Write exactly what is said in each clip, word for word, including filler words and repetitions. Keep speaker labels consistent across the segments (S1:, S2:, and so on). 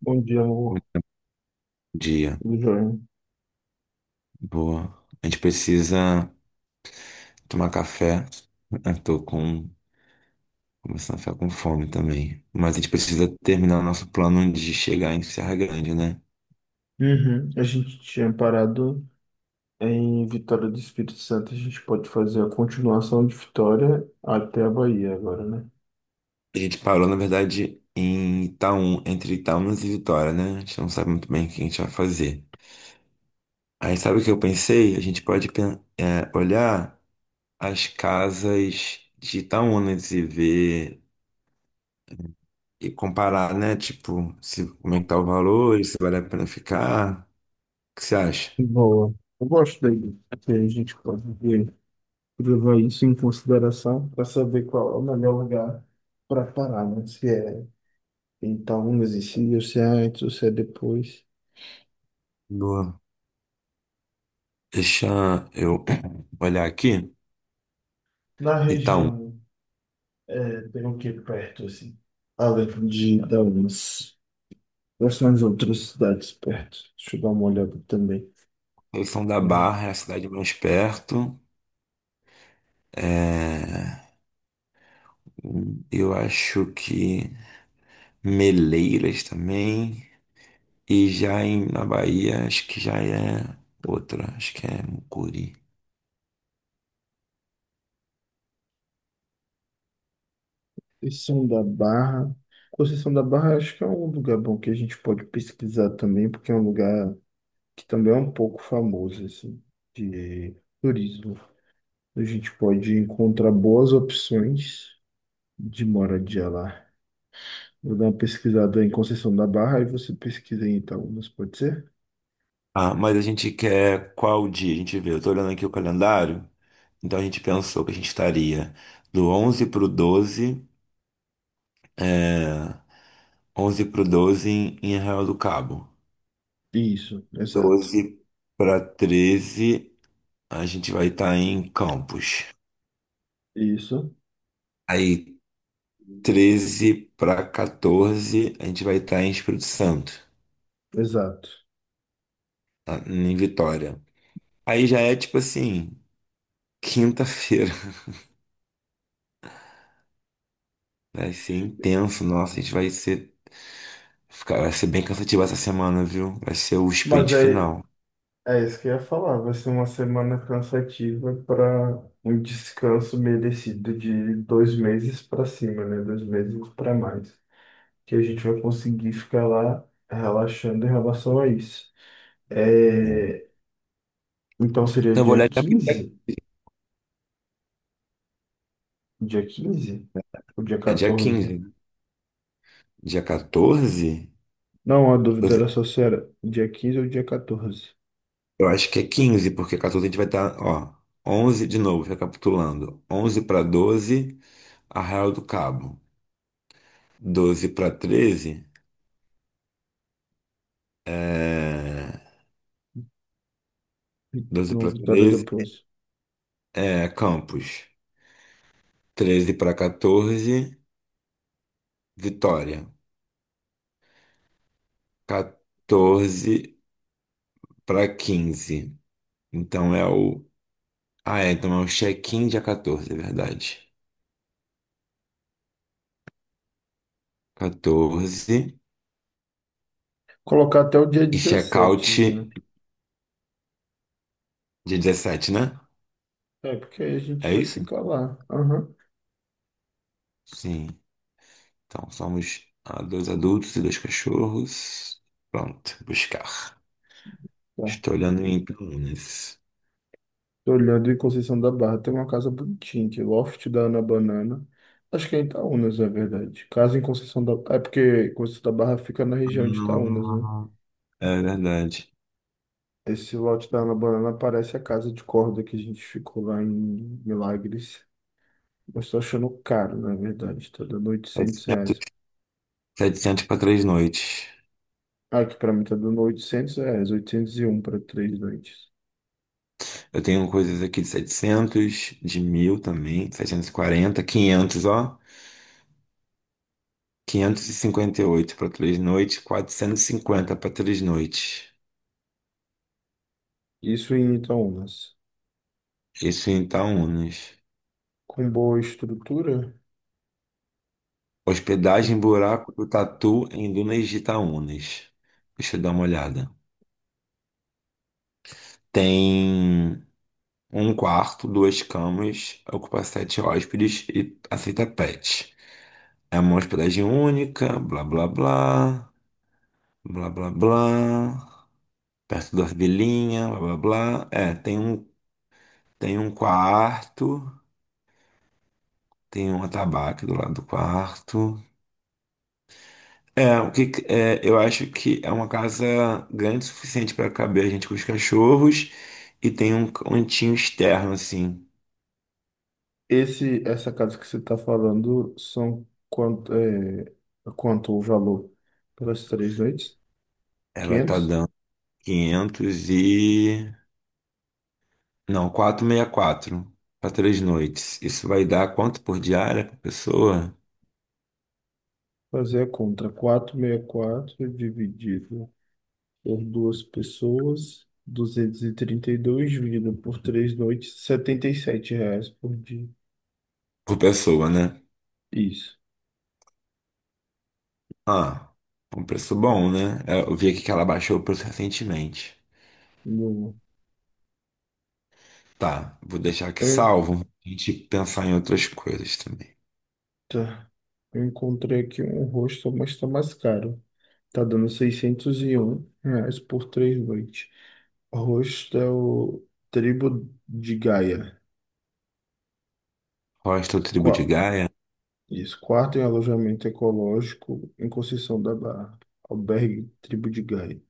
S1: Bom dia, amor.
S2: Dia.
S1: Tudo jóia?
S2: Boa. A gente precisa tomar café. Eu tô com... começando a ficar com fome também. Mas a gente precisa terminar o nosso plano de chegar em Serra Grande, né?
S1: Uhum. A gente tinha parado em Vitória do Espírito Santo. A gente pode fazer a continuação de Vitória até a Bahia agora, né?
S2: A gente parou, na verdade, em Itaúna, entre Itaúnas e Vitória, né? A gente não sabe muito bem o que a gente vai fazer. Aí sabe o que eu pensei? A gente pode pen- é, olhar as casas de Itaúnas e ver e comparar, né? Tipo, se, como é que tá o valor, e se vale a pena ficar. Que você acha?
S1: Boa. Eu gosto daí. Que A gente pode ver- Levar isso em consideração para saber qual é o melhor lugar para parar, né? Se é em Itaúnas e se ou se é antes ou se é depois.
S2: Boa. Deixa eu olhar aqui.
S1: Na
S2: Itaú.
S1: região, é, tem o que perto, assim? Além de Itaúnas. Quais são as outras cidades perto? Deixa eu dar uma olhada também.
S2: São da
S1: É,
S2: Barra, é a cidade mais perto. É, eu acho que Meleiras também. E já em, na Bahia, acho que já é outra. Acho que é Mucuri.
S1: Conceição da Barra. Conceição da Barra acho que é um lugar bom que a gente pode pesquisar também, porque é um lugar que também é um pouco famoso, assim, de turismo. A gente pode encontrar boas opções de moradia lá. Vou dar uma pesquisada em Conceição da Barra e você pesquisa em Itaúnas, pode ser?
S2: Ah, mas a gente quer qual dia? A gente vê. Eu tô olhando aqui o calendário. Então a gente pensou que a gente estaria do onze pro doze. É... onze pro doze em em Arraial do Cabo.
S1: Isso, exato.
S2: Doze para treze a gente vai estar em Campos.
S1: Isso,
S2: Aí, treze para quatorze, a gente vai estar em Espírito Santo,
S1: exato.
S2: tá? Em Vitória. Aí já é tipo assim, quinta-feira. Vai ser intenso, nossa, a gente vai ser... Fica- Vai ser bem cansativo essa semana, viu? Vai ser o
S1: Mas
S2: sprint
S1: é,
S2: final.
S1: É isso que eu ia falar. Vai ser uma semana cansativa para um descanso merecido de dois meses para cima, né? Dois meses para mais. Que a gente vai conseguir ficar lá relaxando em relação a isso.
S2: Hum.
S1: É, então seria
S2: Então, eu vou
S1: dia
S2: olhar dia,
S1: quinze? Dia quinze? Ou dia
S2: é dia
S1: catorze?
S2: quinze, né? Dia quatorze?
S1: Não, a
S2: Eu
S1: dúvida era só se era dia quinze ou dia catorze.
S2: eu acho que é quinze porque catorze a gente vai estar, ó, onze de novo, recapitulando. Onze para doze, Arraial do Cabo. Doze para treze, é doze
S1: Não,
S2: para
S1: Vitória
S2: treze,
S1: depois.
S2: é Campos. Treze para quatorze, Vitória. quatorze para quinze. Então é o... Ah, é, então é o check-in dia catorze, é verdade. catorze
S1: Colocar até o dia
S2: e check-out
S1: dezessete, já.
S2: dia dezessete, né?
S1: É, porque aí a gente
S2: É
S1: já
S2: isso?
S1: fica lá. Aham.
S2: Sim. Então somos, ah, dois adultos e dois cachorros. Pronto, buscar.
S1: Tá.
S2: Estou olhando em Campinas.
S1: Tô olhando em Conceição da Barra, tem uma casa bonitinha aqui, Loft da Ana Banana. Acho que é em Itaúnas, na verdade. Casa em Conceição da... É porque Conceição da Barra fica na região de Itaúnas, né?
S2: Ah, é verdade.
S1: Esse lote da Ana Banana parece a casa de corda que a gente ficou lá em Milagres. Eu estou achando caro, na verdade. Tá dando 800
S2: Setecentos
S1: reais.
S2: 700 para três noites.
S1: Ah, aqui pra mim tá dando oitocentos reais, oitocentos e um para três noites.
S2: Eu tenho coisas aqui de setecentos, de mil também, setecentos e quarenta, quinhentos, ó. Quinhentos e e cinquenta e oito para três noites, quatrocentos e cinquenta para três noites.
S1: Isso em Itaúnas.
S2: Isso em Itaúnas.
S1: Com boa estrutura.
S2: Hospedagem Buraco do Tatu em Dunas de Itaúnas. Deixa eu dar uma olhada. Tem um quarto, duas camas, ocupa sete hóspedes e aceita pet. É uma hospedagem única, blá blá blá. Blá, blá, blá. Perto das vilinhas, blá, blá, blá. É, tem um, tem um quarto, tem um atabaque do lado do quarto. É, o que, que- é, eu acho que é uma casa grande o suficiente para caber a gente com os cachorros e tem um cantinho externo, assim.
S1: Esse, essa casa que você está falando são quanto, é, quanto o valor pelas três noites?
S2: Ela tá
S1: Quinhentos.
S2: dando quinhentos e... não, quatrocentos e sessenta e quatro para três noites. Isso vai dar quanto por diária por pessoa?
S1: Fazer a conta. Quatrocentos e sessenta e quatro dividido por duas pessoas, duzentos e e trinta e dois dividido por três noites, setenta e sete reais por dia.
S2: Por pessoa, né?
S1: Isso.
S2: Ah, um preço bom, né? É, eu vi aqui que ela baixou o preço recentemente.
S1: No-
S2: Tá, vou deixar aqui salvo. A gente pensar em outras coisas também.
S1: Eita, eu encontrei aqui um rosto, mas está mais caro. Tá dando seiscentos e um reais por três noites. Host é o Tribo de Gaia.
S2: Hostel Tribo de
S1: Qua-
S2: Gaia.
S1: Isso, quarto em alojamento ecológico em Conceição da Barra. Albergue Tribo de Gaia.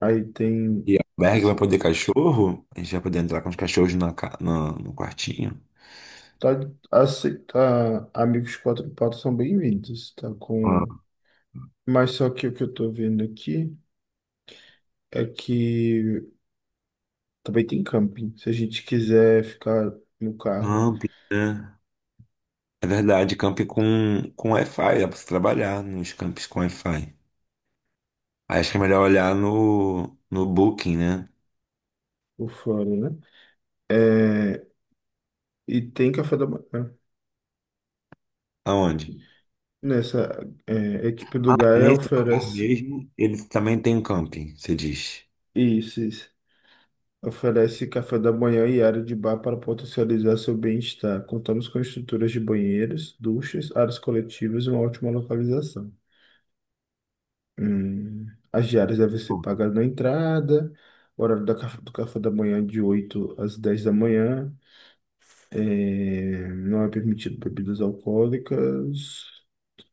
S1: Aí tem.
S2: E albergue
S1: Essa,
S2: vai poder cachorro? A gente vai poder entrar com os cachorros na, ca- na- no quartinho.
S1: tá, aceita, amigos quatro patas são bem-vindos. Tá com.
S2: Ah,
S1: Mas só que o que eu tô vendo aqui é que também tem camping. Se a gente quiser ficar no carro
S2: Camp, né? É verdade, camp com, com Wi-Fi. Dá pra você trabalhar nos campos com Wi-Fi. Aí acho que é melhor olhar no, no Booking, né?
S1: por fora, né? É, e tem café da manhã.
S2: Aonde?
S1: Nessa é, equipe do
S2: Ah,
S1: Gaia
S2: nesse lugar
S1: oferece.
S2: mesmo, eles também tem um camping, você diz.
S1: Isso, isso. Oferece café da manhã e área de bar para potencializar seu bem-estar. Contamos com estruturas de banheiros, duchas, áreas coletivas e uma ótima localização. Hum, as diárias devem ser pagas na entrada, o horário da caf- do café da manhã é de oito às dez da manhã. É, não é permitido bebidas alcoólicas.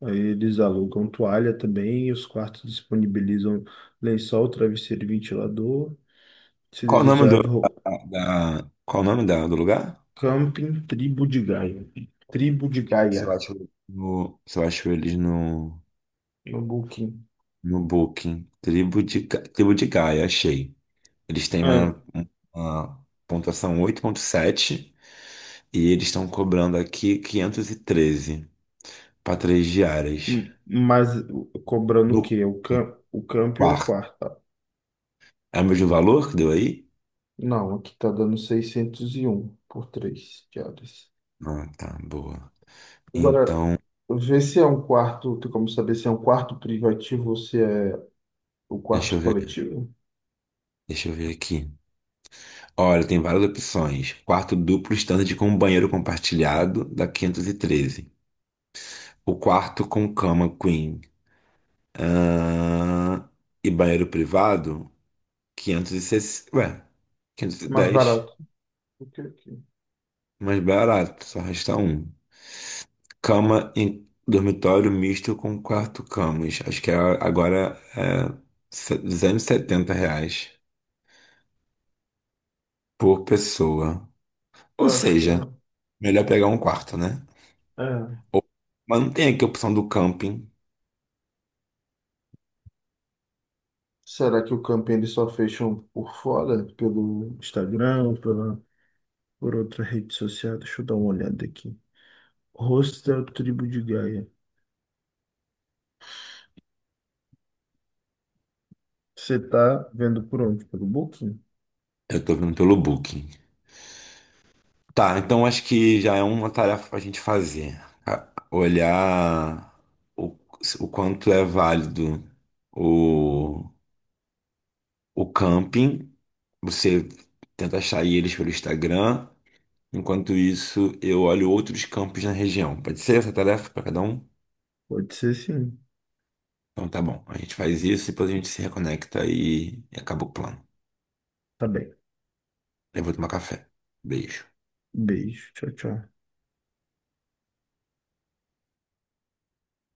S1: Aí eles alugam toalha também e os quartos disponibilizam lençol, travesseiro e ventilador. Se
S2: Qual o nome do,
S1: desejar de roupa.
S2: da, da- qual o nome da, do lugar?
S1: Camping Tribo de Gaia. Tribo de
S2: Você
S1: Gaia.
S2: acha no, você acha eles no,
S1: No Booking.
S2: no Booking. Tribo de, Ga- Tribo de Gaia, achei. Eles têm
S1: É,
S2: uma, uma pontuação oito ponto sete e eles estão cobrando aqui quinhentos e treze para três diárias.
S1: hum, mas cobrando o
S2: No
S1: quê? O cam o camping ou o
S2: quarto.
S1: quarto? Tá?
S2: É o mesmo valor que deu aí?
S1: Não, aqui tá dando seiscentos e um por três diárias.
S2: Ah, tá, boa.
S1: Agora,
S2: Então,
S1: vê se é um quarto. Tem como saber se é um quarto privativo ou se é o
S2: deixa eu
S1: quarto
S2: ver,
S1: coletivo?
S2: deixa eu ver aqui. Olha, tem várias opções. Quarto duplo standard com um banheiro compartilhado da quinhentos e treze. O quarto com cama queen. Ahn, e banheiro privado, quinhentos e sessenta. Ué,
S1: É mais
S2: quinhentos e dez.
S1: barato do que aqui.
S2: Mais barato, só resta um. Cama em dormitório misto com quarto camas. Acho que é- agora é se- duzentos e setenta reais por pessoa. Ou
S1: Eu acho que é.
S2: seja, melhor pegar um quarto, né?
S1: É.
S2: Ou... mas não tem aqui a opção do camping.
S1: Será que o camping eles só fecham por fora? Pelo Instagram, pela, por outra rede social? Deixa eu dar uma olhada aqui. Hostel Tribo de Gaia. Você tá vendo por onde? Pelo Booking?
S2: Eu tô vendo pelo Booking. Tá, então acho que já é uma tarefa pra gente fazer. A- Olhar o, o quanto é válido o, o camping. Você tenta achar eles pelo Instagram. Enquanto isso, eu olho outros campos na região. Pode ser essa tarefa pra cada um?
S1: Pode ser sim.
S2: Então tá bom. A gente faz isso e depois a gente se reconecta e, e acaba o plano.
S1: Tá bem.
S2: Eu vou tomar café. Beijo.
S1: Beijo. Tchau, tchau.